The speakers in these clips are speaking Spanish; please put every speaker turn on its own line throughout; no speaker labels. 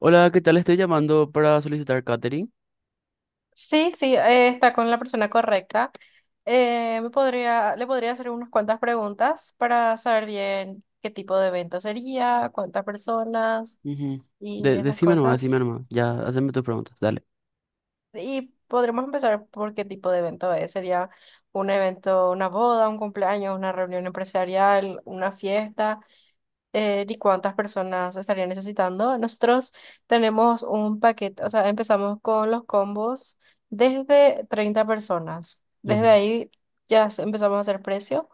Hola, ¿qué tal? Estoy llamando para solicitar catering.
Sí, sí, está con la persona correcta. Le podría hacer unas cuantas preguntas para saber bien qué tipo de evento sería, cuántas personas
Ujú.
y esas
Decime nomás, decime
cosas.
nomás. Ya, haceme tus preguntas, dale.
Y podremos empezar por qué tipo de evento es. ¿Sería un evento, una boda, un cumpleaños, una reunión empresarial, una fiesta? Ni cuántas personas estarían necesitando. Nosotros tenemos un paquete, o sea, empezamos con los combos desde 30 personas.
Ujú.
Desde ahí empezamos a hacer precio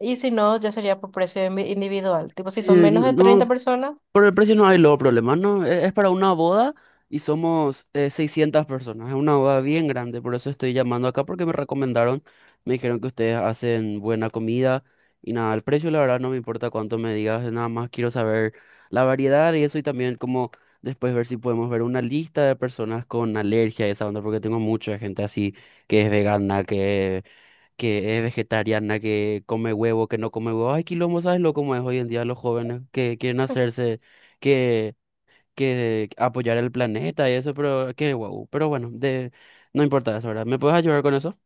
y si no, ya sería por precio individual. Tipo, si
Sí,
son menos de treinta
no.
personas,
Por el precio no hay luego problemas, ¿no? Es para una boda y somos 600 personas. Es una boda bien grande, por eso estoy llamando acá porque me recomendaron, me dijeron que ustedes hacen buena comida y nada, el precio la verdad no me importa cuánto me digas, nada más quiero saber la variedad y eso y también como después ver si podemos ver una lista de personas con alergia y esa onda porque tengo mucha gente así que es vegana, que es vegetariana, que come huevo, que no come huevo. Ay, quilombo, ¿sabes lo cómo es hoy en día los jóvenes que quieren hacerse, que, que apoyar el planeta y eso, pero qué guau? Pero bueno, no importa eso, ¿verdad? ¿Me puedes ayudar con eso?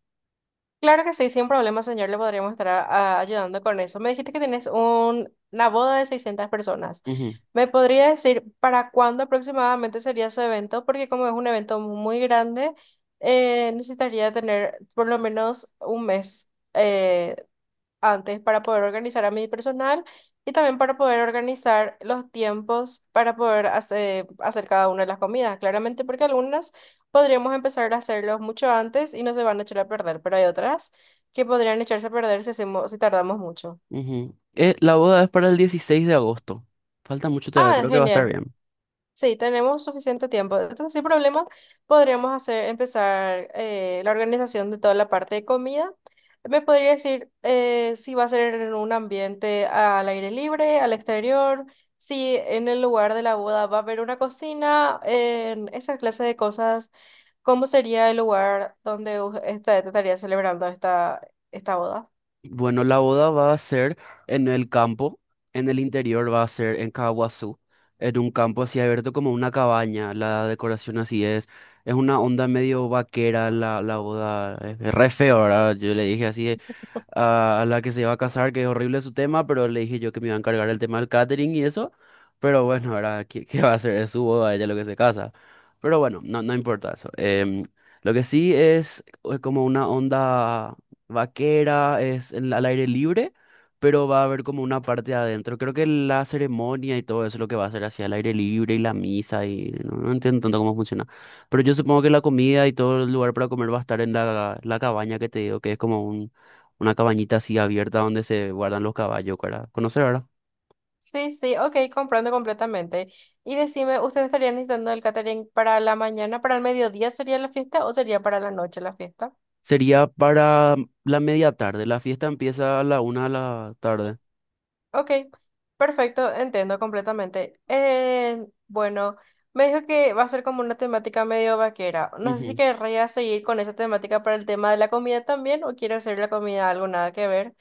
Claro que sí, sin problema, señor, le podríamos estar ayudando con eso. Me dijiste que tienes una boda de 600 personas.
Ujú,
¿Me podría decir para cuándo aproximadamente sería su evento? Porque como es un evento muy grande, necesitaría tener por lo menos un mes eh, antes para poder organizar a mi personal y también para poder organizar los tiempos para poder hacer cada una de las comidas, claramente porque algunas podríamos empezar a hacerlos mucho antes y no se van a echar a perder, pero hay otras que podrían echarse a perder si hacemos, si tardamos mucho.
ujú. La boda es para el 16 de agosto. Falta mucho todavía,
Ah,
creo que va a estar
genial.
bien.
Sí, tenemos suficiente tiempo. Entonces, sin problema, podríamos empezar la organización de toda la parte de comida. ¿Me podría decir si va a ser en un ambiente al aire libre, al exterior? Si en el lugar de la boda va a haber una cocina, en esa clase de cosas, ¿cómo sería el lugar donde estaría celebrando esta, esta boda?
Bueno, la boda va a ser en el campo, en el interior va a ser en Caguazú, en un campo así abierto como una cabaña, la decoración así es una onda medio vaquera la boda, es re feo, ¿verdad? Yo le dije así, a la que se iba a casar, que es horrible su tema, pero le dije yo que me iba a encargar el tema del catering y eso. Pero bueno, ahora, ¿qué va a hacer? Es su boda, ella lo que se casa. Pero bueno, no, no importa eso. Lo que sí es como una onda vaquera, es al aire libre, pero va a haber como una parte adentro. Creo que la ceremonia y todo eso es lo que va a ser hacia el aire libre y la misa y no, no entiendo tanto cómo funciona. Pero yo supongo que la comida y todo el lugar para comer va a estar en la cabaña que te digo, que es como una cabañita así abierta donde se guardan los caballos para conocer, ¿verdad?
Sí, sí, ok, comprendo completamente. Y decime, ¿ustedes estarían necesitando el catering para la mañana, para el mediodía sería la fiesta o sería para la noche la fiesta?
Sería para la media tarde. La fiesta empieza a la una de la tarde.
Ok, perfecto, entiendo completamente. Bueno, me dijo que va a ser como una temática medio vaquera. No sé si
Ujú,
querría seguir con esa temática para el tema de la comida también o quiero hacer la comida algo nada que ver.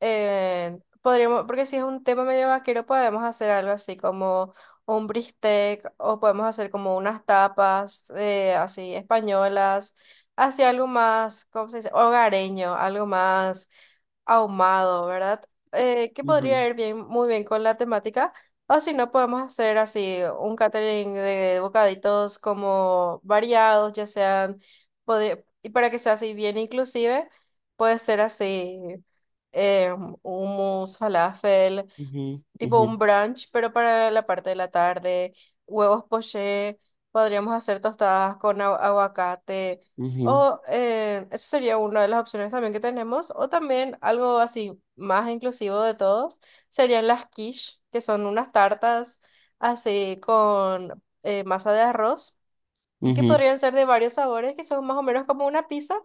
Podríamos, porque si es un tema medio vaquero, podemos hacer algo así como un bistec o podemos hacer como unas tapas así españolas, así algo más, ¿cómo se dice? Hogareño, algo más ahumado, ¿verdad? Que
ujú,
podría ir bien, muy bien con la temática. O si no, podemos hacer así un catering de bocaditos como variados, ya sean, y para que sea así bien inclusive, puede ser así eh, hummus, falafel,
ujú,
tipo
ujú,
un brunch, pero para la parte de la tarde, huevos poché, podríamos hacer tostadas con aguacate,
ujú,
o eso sería una de las opciones también que tenemos, o también algo así más inclusivo de todos, serían las quiche, que son unas tartas así con masa de arroz que
ujú,
podrían ser de varios sabores, que son más o menos como una pizza,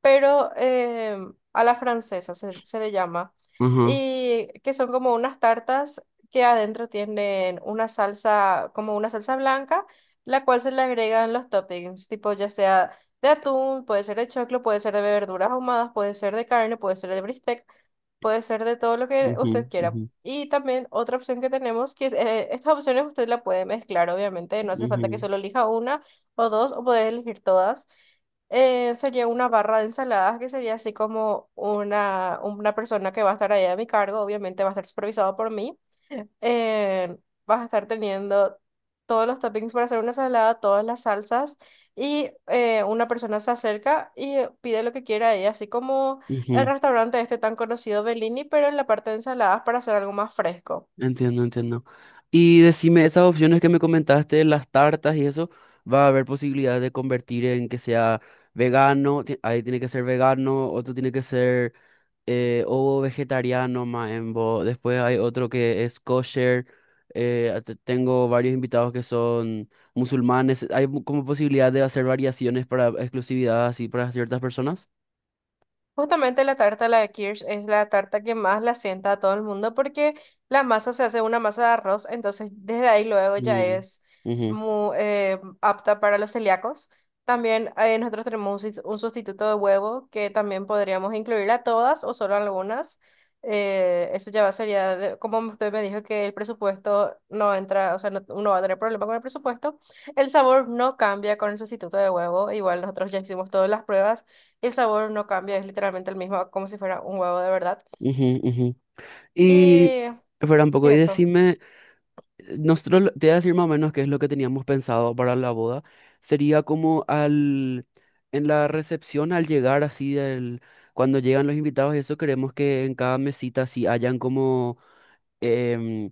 pero a la francesa se le llama.
ujú,
Y que son como unas tartas que adentro tienen una salsa, como una salsa blanca, la cual se le agregan los toppings, tipo ya sea de atún, puede ser de choclo, puede ser de verduras ahumadas, puede ser de carne, puede ser de bistec, puede ser de todo lo que
ujú,
usted quiera.
ujú,
Y también otra opción que tenemos, que es, estas opciones usted la puede mezclar, obviamente, no hace falta que
ujú,
solo elija una o dos, o podés elegir todas. Sería una barra de ensaladas que sería así como una persona que va a estar ahí a mi cargo, obviamente va a estar supervisado por mí. eh, Vas a estar teniendo todos los toppings para hacer una ensalada, todas las salsas y una persona se acerca y pide lo que quiera ahí, así como el
ujú.
restaurante este tan conocido Bellini, pero en la parte de ensaladas para hacer algo más fresco.
Entiendo, entiendo. Y decime, esas opciones que me comentaste, las tartas y eso, ¿va a haber posibilidad de convertir en que sea vegano? Ahí tiene que ser vegano, otro tiene que ser o vegetariano maembo. Después hay otro que es kosher. Tengo varios invitados que son musulmanes. ¿Hay como posibilidad de hacer variaciones para exclusividad así para ciertas personas?
Justamente la tarta, la de Kirsch, es la tarta que más la sienta a todo el mundo porque la masa se hace una masa de arroz, entonces desde ahí luego ya
Mm,
es
ujú,
apta para los celíacos. También nosotros tenemos un sustituto de huevo que también podríamos incluir a todas o solo a algunas. Eso ya va sería, como usted me dijo que el presupuesto no entra, o sea, no, uno va a tener problema con el presupuesto. El sabor no cambia con el sustituto de huevo, igual nosotros ya hicimos todas las pruebas. El sabor no cambia, es literalmente el mismo, como si fuera un huevo de verdad.
ujú, ujú. Y,
Y,
espera un
y
poco, y
eso.
decime. Nosotros, te voy a decir más o menos qué es lo que teníamos pensado para la boda. Sería como en la recepción, al llegar así, cuando llegan los invitados y eso, queremos que en cada mesita así hayan em,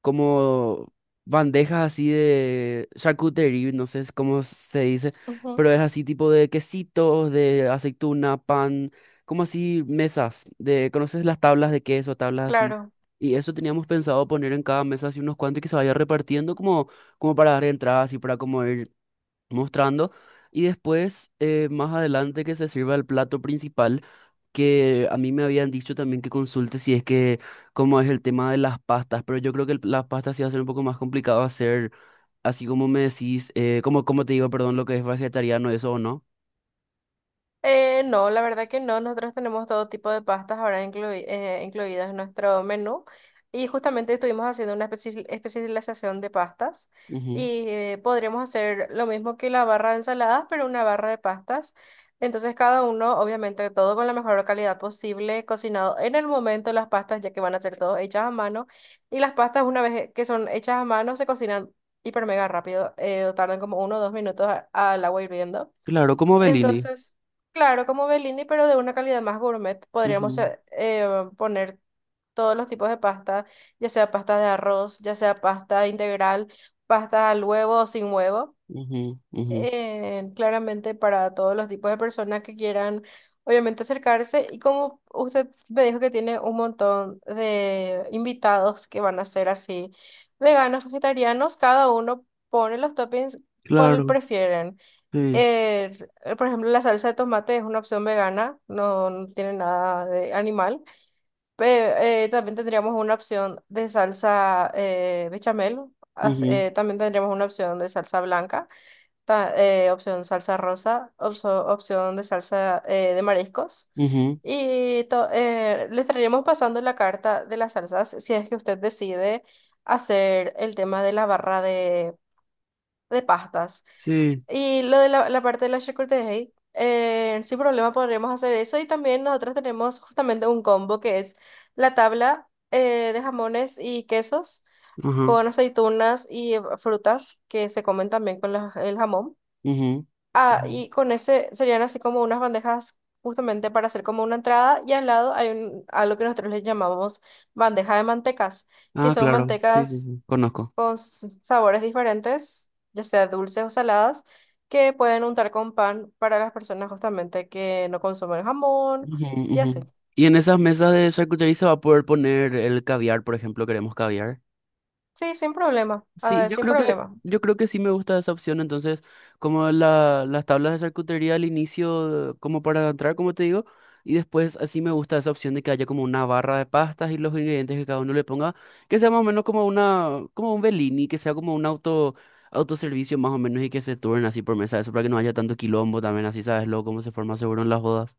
como bandejas así de charcuterie, no sé cómo se dice,
Ujú.
pero es así tipo de quesitos, de aceituna, pan, como así mesas, ¿conoces las tablas de queso, tablas así?
Claro.
Y eso teníamos pensado poner en cada mesa así unos cuantos y que se vaya repartiendo como para dar entradas y para como ir mostrando y después más adelante que se sirva el plato principal que a mí me habían dicho también que consulte si es que cómo es el tema de las pastas, pero yo creo que las pastas sí va a ser un poco más complicado hacer, así como me decís, como te digo, perdón, lo que es vegetariano, eso o no.
No, la verdad que no. Nosotros tenemos todo tipo de pastas ahora incluidas en nuestro menú. Y justamente estuvimos haciendo una especialización de pastas.
Ujú.
Y podríamos hacer lo mismo que la barra de ensaladas, pero una barra de pastas. Entonces, cada uno, obviamente, todo con la mejor calidad posible, cocinado en el momento las pastas, ya que van a ser todas hechas a mano. Y las pastas, una vez que son hechas a mano, se cocinan hiper mega rápido. Tardan como 1 o 2 minutos al agua hirviendo.
Claro, como Bellini.
Entonces, claro, como Bellini, pero de una calidad más gourmet, podríamos
Ujú,
poner todos los tipos de pasta, ya sea pasta de arroz, ya sea pasta integral, pasta al huevo o sin huevo.
ujú, ujú.
Claramente para todos los tipos de personas que quieran, obviamente, acercarse. Y como usted me dijo que tiene un montón de invitados que van a ser así, veganos, vegetarianos, cada uno pone los toppings cuál
Claro,
prefieren.
sí.
Eh, por ejemplo, la salsa de tomate es una opción vegana, no tiene nada de animal. Pero también tendríamos una opción de salsa bechamel.
Ujú,
También tendríamos una opción de salsa blanca, opción salsa rosa, opción de salsa de mariscos.
ujú.
Le estaríamos pasando la carta de las salsas si es que usted decide hacer el tema de la barra de pastas.
Sí.
Y lo de la parte de la charcutería, sin problema podríamos hacer eso. Y también nosotros tenemos justamente un combo que es la tabla de jamones y quesos
Ajá,
con aceitunas y frutas que se comen también con el jamón.
ujú,
Ah,
ujú.
y con ese serían así como unas bandejas justamente para hacer como una entrada. Y al lado hay un, algo que nosotros le llamamos bandeja de mantecas, que
Ah,
son
claro, sí, sí,
mantecas
sí. Conozco.
con sabores diferentes, ya sea dulces o saladas, que pueden untar con pan para las personas justamente que no consumen jamón
Ujú,
y así.
ujú. Y en esas mesas de charcutería se va a poder poner el caviar, por ejemplo, queremos caviar.
Sí, sin problema,
Sí,
ah,
yo
sin
creo que,
problema.
yo creo que sí me gusta esa opción. Entonces, como las tablas de charcutería al inicio, como para entrar, como te digo, y después así me gusta esa opción de que haya como una barra de pastas y los ingredientes que cada uno le ponga, que sea más o menos como como un Bellini, que sea como un autoservicio más o menos y que se turnen así por mesa, eso para que no haya tanto quilombo también, así sabes luego cómo se forma seguro en las bodas.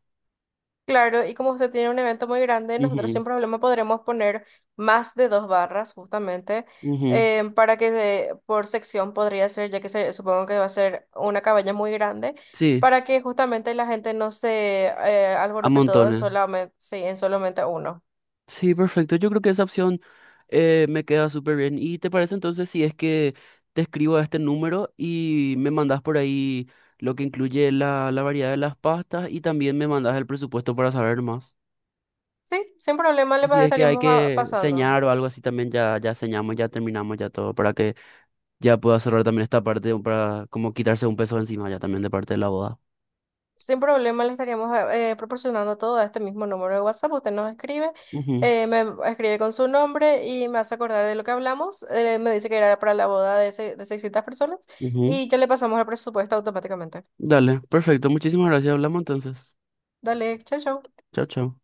Claro, y como usted tiene un evento muy grande, nosotros
Ujú,
sin problema podremos poner más de dos barras justamente
ujú.
para que por sección podría ser, ya que se, supongo que va a ser una cabaña muy grande,
Sí.
para que justamente la gente no se
A
alborote todo en
montones.
solamente, sí, en solamente uno.
Sí, perfecto. Yo creo que esa opción me queda súper bien. ¿Y te parece entonces si es que te escribo a este número y me mandas por ahí lo que incluye la variedad de las pastas y también me mandas el presupuesto para saber más?
Sí, sin problema
Y si es que hay
estaríamos
que
pasando.
señar o algo así también, ya, ya señamos, ya terminamos ya todo, para que ya pueda cerrar también esta parte, para como quitarse un peso encima ya también de parte de la boda.
Sin problema le estaríamos proporcionando todo a este mismo número de WhatsApp. Usted nos escribe, me escribe con su nombre y me hace acordar de lo que hablamos. Me dice que era para la boda de 600 personas
Ujú, ujú.
y ya le pasamos el presupuesto automáticamente.
Dale, perfecto. Muchísimas gracias. Hablamos entonces.
Dale, chao, chao.
Chao, chao.